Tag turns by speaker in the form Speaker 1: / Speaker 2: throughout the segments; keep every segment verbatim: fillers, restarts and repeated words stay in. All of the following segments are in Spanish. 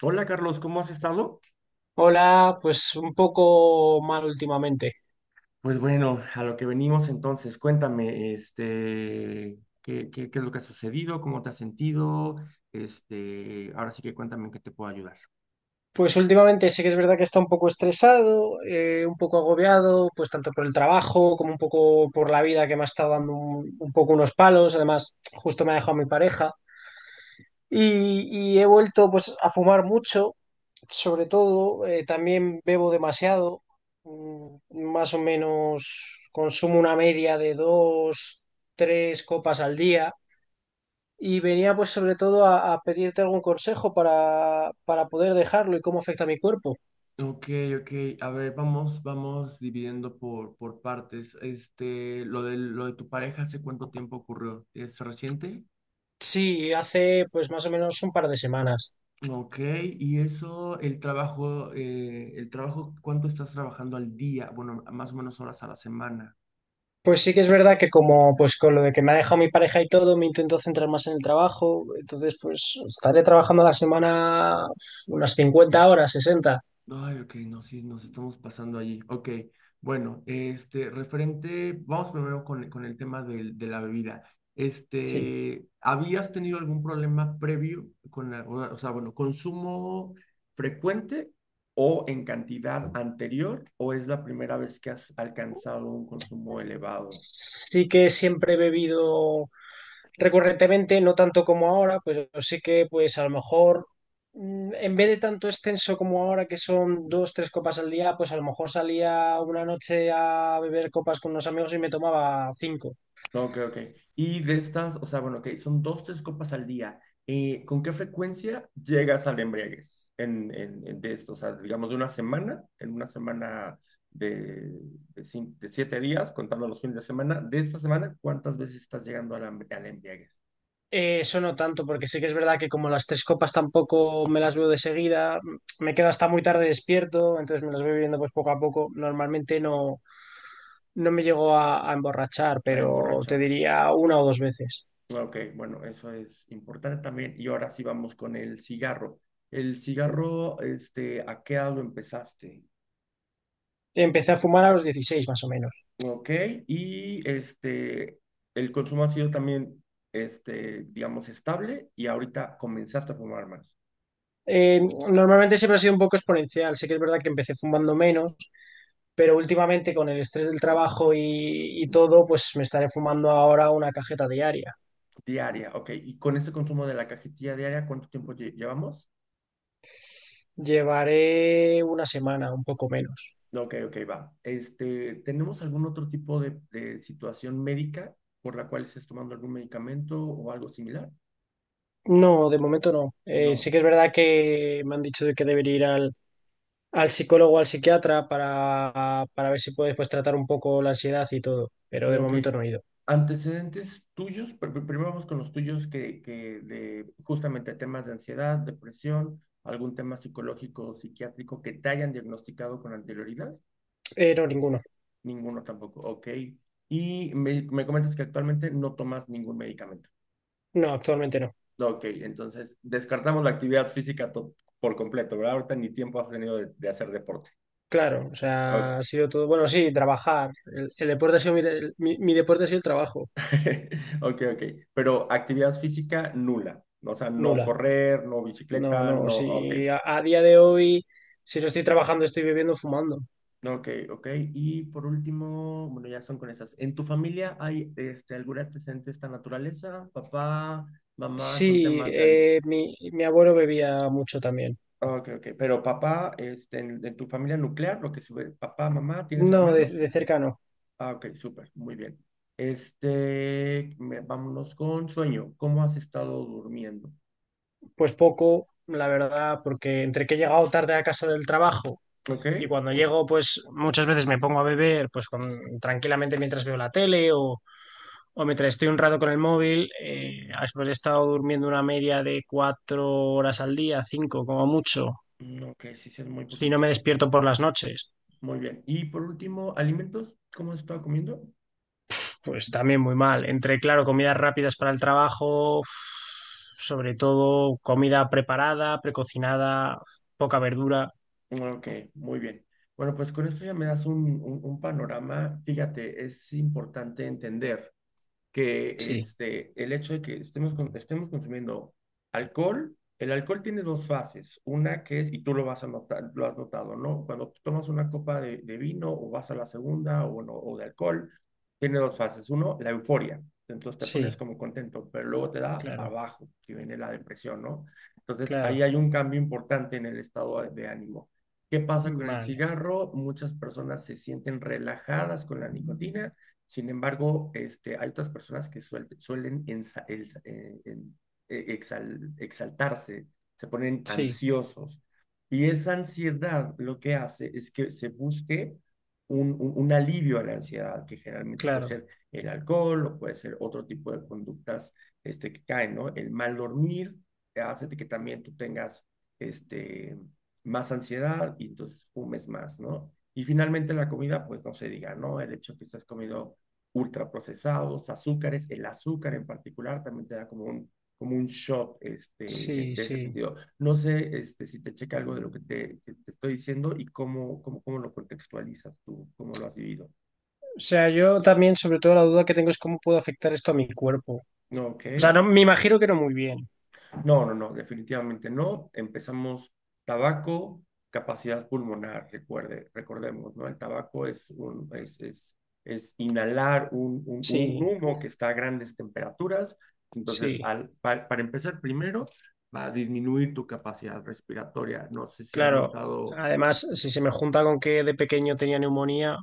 Speaker 1: Hola Carlos, ¿cómo has estado?
Speaker 2: Hola, pues un poco mal últimamente.
Speaker 1: Pues bueno, a lo que venimos entonces, cuéntame, este, ¿qué, qué, qué es lo que ha sucedido? ¿Cómo te has sentido? Este, ahora sí que cuéntame en qué te puedo ayudar.
Speaker 2: Pues últimamente sí que es verdad que está un poco estresado, eh, un poco agobiado, pues tanto por el trabajo como un poco por la vida que me ha estado dando un, un poco unos palos. Además, justo me ha dejado mi pareja. Y, y he vuelto pues a fumar mucho, sobre todo. Eh, también bebo demasiado. Mm, Más o menos consumo una media de dos, tres copas al día. Y venía pues sobre todo a, a pedirte algún consejo para, para poder dejarlo y cómo afecta a mi cuerpo.
Speaker 1: Ok, ok. A ver, vamos, vamos dividiendo por, por partes. Este, lo de, lo de tu pareja, ¿hace cuánto tiempo ocurrió? ¿Es reciente?
Speaker 2: Sí, hace pues más o menos un par de semanas.
Speaker 1: Ok, y eso, el trabajo, eh, el trabajo, ¿cuánto estás trabajando al día? Bueno, más o menos horas a la semana.
Speaker 2: Pues sí que es verdad que como pues con lo de que me ha dejado mi pareja y todo, me intento centrar más en el trabajo. Entonces pues estaré trabajando a la semana unas cincuenta horas, sesenta.
Speaker 1: Ay, ok, no, sí, nos estamos pasando allí. Ok, bueno, este, referente, vamos primero con, con el tema del- de, la bebida.
Speaker 2: Sí.
Speaker 1: Este, ¿habías tenido algún problema previo con la, o o sea, bueno, consumo frecuente o en cantidad anterior, o es la primera vez que has alcanzado un consumo elevado?
Speaker 2: Sí que siempre he bebido recurrentemente, no tanto como ahora, pues sí que pues a lo mejor mm, en vez de tanto extenso como ahora, que son dos, tres copas al día, pues a lo mejor salía una noche a beber copas con unos amigos y me tomaba cinco.
Speaker 1: Ok, ok. Y de estas, o sea, bueno, ok, son dos, tres copas al día. Eh, ¿con qué frecuencia llegas al embriaguez en, en, en de esto? O sea, digamos de una semana, en una semana de, de, cin- de siete días, contando los fines de semana, de esta semana, ¿cuántas veces estás llegando al, am- al embriaguez,
Speaker 2: Eh, eso no tanto, porque sí que es verdad que como las tres copas tampoco me las veo de seguida, mm, me quedo hasta muy tarde despierto, entonces me las voy bebiendo pues poco a poco. Normalmente no, no me llego a, a emborrachar,
Speaker 1: a
Speaker 2: pero te
Speaker 1: emborrachar?
Speaker 2: diría una o dos veces.
Speaker 1: Ok, bueno, eso es importante también. Y ahora sí vamos con el cigarro. El cigarro, este, ¿a qué edad lo empezaste?
Speaker 2: Empecé a fumar a los dieciséis más o menos.
Speaker 1: Ok, y este, el consumo ha sido también, este, digamos, estable, y ahorita comenzaste a fumar más,
Speaker 2: Eh, Normalmente siempre ha sido un poco exponencial. Sí que es verdad que empecé fumando menos, pero últimamente con el estrés del trabajo y, y todo, pues me estaré fumando ahora una cajeta diaria.
Speaker 1: diaria, ok, y con ese consumo de la cajetilla diaria, ¿cuánto tiempo lle- llevamos?
Speaker 2: Llevaré una semana, un poco menos.
Speaker 1: Ok, ok, va. Este, ¿tenemos algún otro tipo de, de situación médica por la cual estés tomando algún medicamento o algo similar?
Speaker 2: No, de momento no. Eh, sí
Speaker 1: No.
Speaker 2: que es verdad que me han dicho de que debería ir al, al psicólogo o al psiquiatra para, para ver si puedes pues, tratar un poco la ansiedad y todo, pero de
Speaker 1: Ok.
Speaker 2: momento no he ido.
Speaker 1: Antecedentes tuyos, pr- pr- primero vamos con los tuyos que, que de justamente temas de ansiedad, depresión, algún tema psicológico o psiquiátrico que te hayan diagnosticado con anterioridad,
Speaker 2: Eh, no, ninguno.
Speaker 1: ninguno tampoco, ok. Y me, me comentas que actualmente no tomas ningún medicamento.
Speaker 2: No, actualmente no.
Speaker 1: Ok, entonces descartamos la actividad física to- por completo, ¿verdad? Ahorita ni tiempo has tenido de, de hacer deporte.
Speaker 2: Claro, o sea,
Speaker 1: Ok,
Speaker 2: ha sido todo. Bueno, sí, trabajar. El, el deporte ha sido mi, el- mi- mi deporte ha sido el trabajo.
Speaker 1: ok, ok. Pero actividad física nula, o sea, no
Speaker 2: Nula.
Speaker 1: correr, no
Speaker 2: No,
Speaker 1: bicicleta,
Speaker 2: no.
Speaker 1: no,
Speaker 2: Si
Speaker 1: ok.
Speaker 2: a, a día de hoy, si no estoy trabajando, estoy bebiendo, fumando.
Speaker 1: Ok, ok. Y por último, bueno, ya son con esas. ¿En tu familia hay este, algún antecedente de esta naturaleza? Papá, mamá con
Speaker 2: Sí,
Speaker 1: temas de adicción.
Speaker 2: eh, mi, mi abuelo bebía mucho también.
Speaker 1: Ok, ok. Pero papá, este, en, en tu familia nuclear, lo que sube, papá, mamá, ¿tienes
Speaker 2: No, de,
Speaker 1: hermanos?
Speaker 2: de cerca no.
Speaker 1: Ah, ok, súper, muy bien. Este, me- vámonos con sueño. ¿Cómo has estado durmiendo?
Speaker 2: Pues poco, la verdad, porque entre que he llegado tarde a casa del trabajo
Speaker 1: Ok,
Speaker 2: y cuando llego, pues muchas veces me pongo a beber, pues con- tranquilamente mientras veo la tele o mientras estoy un rato con el móvil. Eh, después he estado durmiendo una media de cuatro horas al día, cinco como mucho,
Speaker 1: mm, ok, sí, sí, es muy
Speaker 2: si no me
Speaker 1: poquito.
Speaker 2: despierto por las noches.
Speaker 1: Muy bien. Y por último, alimentos, ¿cómo has estado comiendo?
Speaker 2: Pues también muy mal. Entre, claro, comidas rápidas para el trabajo, uf, sobre todo comida preparada, precocinada, poca verdura.
Speaker 1: Ok, muy bien. Bueno, pues con esto ya me das un, un- un panorama. Fíjate, es importante entender que
Speaker 2: Sí,
Speaker 1: este, el hecho de que estemos, con- estemos consumiendo alcohol. El alcohol tiene dos fases. Una que es, y tú lo vas a notar, lo has notado, ¿no? Cuando tú tomas una copa de, de vino o vas a la segunda o, no, o de alcohol, tiene dos fases. Uno, la euforia. Entonces te pones
Speaker 2: sí,
Speaker 1: como contento, pero luego te da para
Speaker 2: claro,
Speaker 1: abajo, que viene la depresión, ¿no? Entonces ahí
Speaker 2: claro,
Speaker 1: hay un cambio importante en el estado de de ánimo. ¿Qué pasa con el
Speaker 2: vale,
Speaker 1: cigarro? Muchas personas se sienten relajadas con la nicotina. Sin embargo, este, hay otras personas que suel- suelen ensa- el- eh, en- eh, exal- exaltarse, se ponen
Speaker 2: sí,
Speaker 1: ansiosos. Y esa ansiedad lo que hace es que se busque un, un- un alivio a la ansiedad, que generalmente puede
Speaker 2: claro,
Speaker 1: ser el alcohol o puede ser otro tipo de conductas este, que caen, ¿no? El mal dormir, eh, hace que también tú tengas este, más ansiedad y entonces fumes más, ¿no? Y finalmente la comida, pues no se diga, ¿no? El hecho que estás comiendo ultraprocesados, azúcares, el azúcar en particular también te da como un, como un shot, este,
Speaker 2: sí,
Speaker 1: de ese
Speaker 2: sí.
Speaker 1: sentido. No sé, este, si te checa algo de lo que te, te, te estoy diciendo y cómo, cómo, cómo lo contextualizas tú, cómo lo has vivido.
Speaker 2: O sea, yo también, sobre todo, la duda que tengo es cómo puedo afectar esto a mi cuerpo.
Speaker 1: Ok.
Speaker 2: O sea, no, me imagino que no muy bien.
Speaker 1: No, no, no, definitivamente no. Empezamos tabaco, capacidad pulmonar, recuerde, recordemos, ¿no? El tabaco es un, es, es, es inhalar un, un, un
Speaker 2: Sí,
Speaker 1: humo que está a grandes temperaturas. Entonces,
Speaker 2: sí,
Speaker 1: al, pa- para empezar primero, va a disminuir tu capacidad respiratoria. No sé si has
Speaker 2: claro.
Speaker 1: notado.
Speaker 2: Además, si se me junta con que de pequeño tenía neumonía,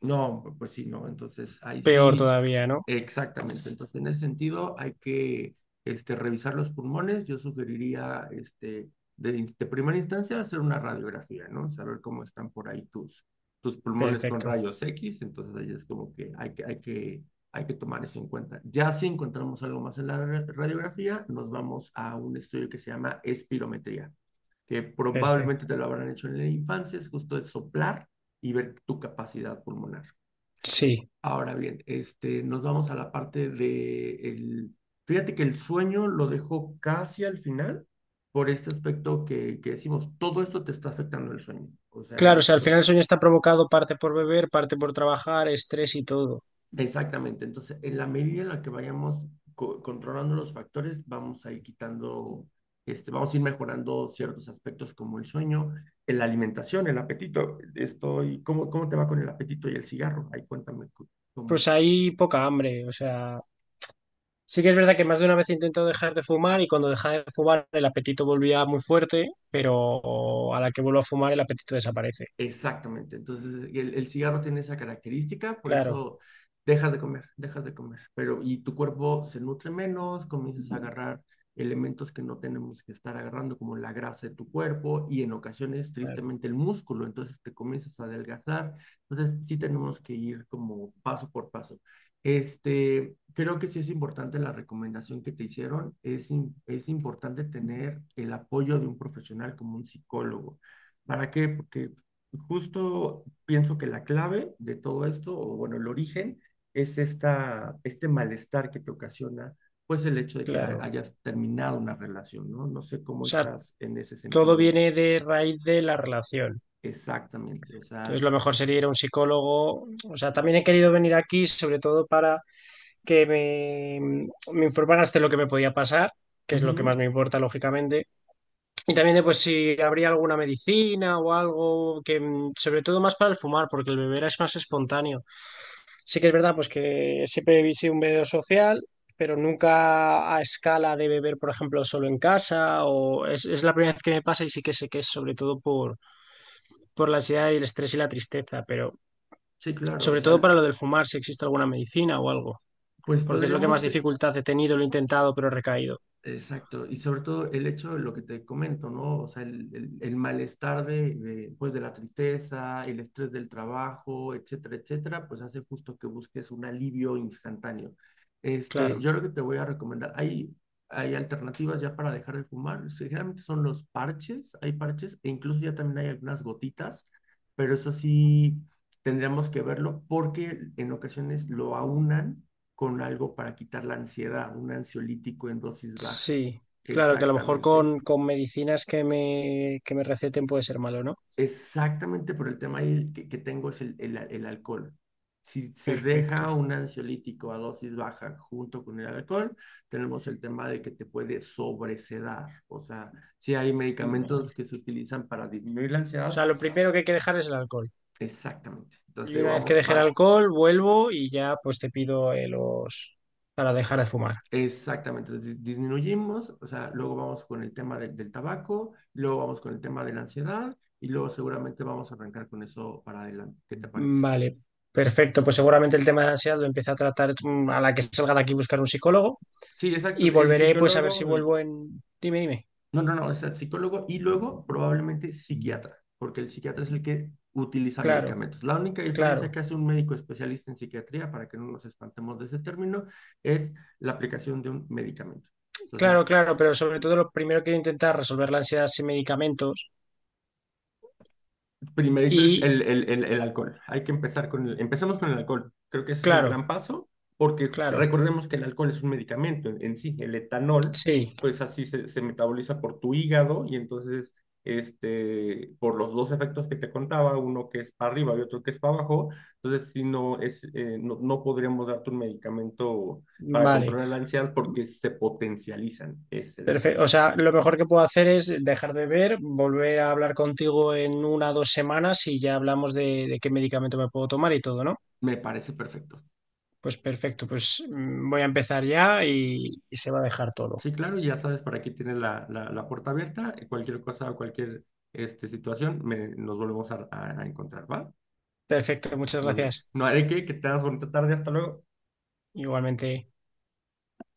Speaker 1: No, pues sí, no. Entonces, ahí
Speaker 2: peor
Speaker 1: sí,
Speaker 2: todavía, ¿no?
Speaker 1: exactamente. Entonces, en ese sentido, hay que este, revisar los pulmones. Yo sugeriría, este, de, in- de primera instancia, hacer una radiografía, ¿no? Saber cómo están por ahí tus, tus pulmones con
Speaker 2: Perfecto,
Speaker 1: rayos X. Entonces, ahí es como que hay que, hay que, hay que tomar eso en cuenta. Ya si encontramos algo más en la ra- radiografía, nos vamos a un estudio que se llama espirometría, que probablemente
Speaker 2: perfecto.
Speaker 1: te lo habrán hecho en la infancia, es justo el soplar y ver tu capacidad pulmonar.
Speaker 2: Sí,
Speaker 1: Ahora bien, este, nos vamos a la parte de el, fíjate que el sueño lo dejó casi al final por este aspecto que, que decimos, todo esto te está afectando el sueño, o sea, el
Speaker 2: claro, o sea, al final
Speaker 1: hecho,
Speaker 2: el sueño está provocado parte por beber, parte por trabajar, estrés y todo.
Speaker 1: exactamente, entonces en la medida en la que vayamos co- controlando los factores, vamos a ir quitando, este, vamos a ir mejorando ciertos aspectos como el sueño, en la alimentación, el apetito, estoy, ¿cómo, cómo te va con el apetito y el cigarro? Ahí cuéntame cu- cómo.
Speaker 2: Pues hay poca hambre, o sea, sí que es verdad que más de una vez he intentado dejar de fumar y cuando dejaba de fumar el apetito volvía muy fuerte, pero a la que vuelvo a fumar el apetito desaparece.
Speaker 1: Exactamente. Entonces, el, el cigarro tiene esa característica, por
Speaker 2: Claro,
Speaker 1: eso dejas de comer, dejas de comer. Pero, y tu cuerpo se nutre menos, comienzas a agarrar elementos que no tenemos que estar agarrando, como la grasa de tu cuerpo y en ocasiones,
Speaker 2: claro,
Speaker 1: tristemente, el músculo. Entonces, te comienzas a adelgazar. Entonces, sí tenemos que ir como paso por paso. Este, creo que sí es importante la recomendación que te hicieron. Es, im- es importante tener el apoyo de un profesional como un psicólogo. ¿Para qué? Porque justo pienso que la clave de todo esto, o bueno, el origen, es esta, este malestar que te ocasiona, pues el hecho de que ha-
Speaker 2: claro.
Speaker 1: hayas terminado una relación, ¿no? No sé
Speaker 2: O
Speaker 1: cómo
Speaker 2: sea,
Speaker 1: estás en ese
Speaker 2: todo
Speaker 1: sentido
Speaker 2: viene de raíz de la relación.
Speaker 1: exactamente, o sea,
Speaker 2: Entonces, lo mejor sería ir a un psicólogo. O sea, también he querido venir aquí, sobre todo para que me, me informaras de lo que me podía pasar, que es lo que
Speaker 1: ujú,
Speaker 2: más me importa, lógicamente. Y también de pues si habría alguna medicina o algo que, mm, sobre todo más para el fumar, porque el beber es más espontáneo. Sí que es verdad, pues que siempre he sido un bebedor social, pero nunca a escala de beber, por ejemplo, solo en casa, o es, es la primera vez que me pasa y sí que sé que es sobre todo por, por la ansiedad y el estrés y la tristeza, pero
Speaker 1: sí, claro, o
Speaker 2: sobre
Speaker 1: sea,
Speaker 2: todo para lo del fumar, si existe alguna medicina o algo,
Speaker 1: pues
Speaker 2: porque es lo que más
Speaker 1: podríamos.
Speaker 2: dificultad he tenido, lo he intentado, pero he recaído.
Speaker 1: Exacto, y sobre todo el hecho de lo que te comento, ¿no? O sea, el, el- el malestar de, de, pues, de la tristeza, el estrés del trabajo, etcétera, etcétera, pues hace justo que busques un alivio instantáneo. Este,
Speaker 2: Claro,
Speaker 1: yo lo que te voy a recomendar, hay, hay alternativas ya para dejar de fumar, sí, generalmente son los parches, hay parches, e incluso ya también hay algunas gotitas, pero eso sí tendríamos que verlo porque en ocasiones lo aunan con algo para quitar la ansiedad, un ansiolítico en dosis bajas.
Speaker 2: sí, claro, que a lo mejor
Speaker 1: Exactamente.
Speaker 2: con, con medicinas que me, que me receten puede ser malo, ¿no?
Speaker 1: Exactamente por el tema ahí que, que tengo es el, el, el alcohol. Si se deja
Speaker 2: Perfecto.
Speaker 1: un ansiolítico a dosis baja junto con el alcohol, tenemos el tema de que te puede sobresedar. O sea, si hay
Speaker 2: Vale.
Speaker 1: medicamentos que se utilizan para disminuir la
Speaker 2: O
Speaker 1: ansiedad,
Speaker 2: sea, lo primero que hay que dejar es el alcohol.
Speaker 1: exactamente. Entonces,
Speaker 2: Y
Speaker 1: digo,
Speaker 2: una vez que
Speaker 1: vamos
Speaker 2: deje el
Speaker 1: par.
Speaker 2: alcohol, vuelvo y ya pues te pido eh, los para dejar de fumar.
Speaker 1: Exactamente, dis- disminuimos, o sea, luego vamos con el tema del, del tabaco, luego vamos con el tema de la ansiedad y luego seguramente vamos a arrancar con eso para adelante. ¿Qué te parece?
Speaker 2: Vale, perfecto. Pues seguramente el tema de la ansiedad lo empecé a tratar mm, a la que salga de aquí buscar un psicólogo
Speaker 1: Sí, exacto,
Speaker 2: y
Speaker 1: el
Speaker 2: volveré pues a ver si
Speaker 1: psicólogo, y
Speaker 2: vuelvo en... Dime, dime.
Speaker 1: no, no, no, o sea, psicólogo y luego probablemente psiquiatra, porque el psiquiatra es el que utiliza
Speaker 2: Claro,
Speaker 1: medicamentos. La única diferencia
Speaker 2: claro,
Speaker 1: que hace un médico especialista en psiquiatría, para que no nos espantemos de ese término, es la aplicación de un medicamento.
Speaker 2: claro,
Speaker 1: Entonces,
Speaker 2: claro, pero sobre todo lo primero que intentar resolver la ansiedad sin medicamentos
Speaker 1: primerito
Speaker 2: y
Speaker 1: el, el, el- el- el alcohol. Hay que empezar con el, empecemos con el alcohol. Creo que ese es un
Speaker 2: claro,
Speaker 1: gran paso porque
Speaker 2: claro,
Speaker 1: recordemos que el alcohol es un medicamento en, en sí. El etanol,
Speaker 2: sí,
Speaker 1: pues así se, se metaboliza por tu hígado y entonces, este, por los dos efectos que te contaba, uno que es para arriba y otro que es para abajo, entonces si no es, eh, no, no podríamos darte un medicamento para
Speaker 2: vale,
Speaker 1: controlar la ansiedad porque se potencializan. Ese es el tema.
Speaker 2: perfecto. O sea, lo mejor que puedo hacer es dejar de ver, volver a hablar contigo en una o dos semanas y ya hablamos de, de qué medicamento me puedo tomar y todo, ¿no?
Speaker 1: Me parece perfecto.
Speaker 2: Pues perfecto, pues mm, voy a empezar ya y, y se va a dejar todo.
Speaker 1: Sí, claro, ya sabes, para aquí tienes la, la, la puerta abierta. Y cualquier cosa o cualquier este, situación, me- nos volvemos a, a- a encontrar, ¿va?
Speaker 2: Perfecto, muchas
Speaker 1: Muy bien.
Speaker 2: gracias.
Speaker 1: No haré que, que tengas bonita tarde. Hasta luego.
Speaker 2: Igualmente.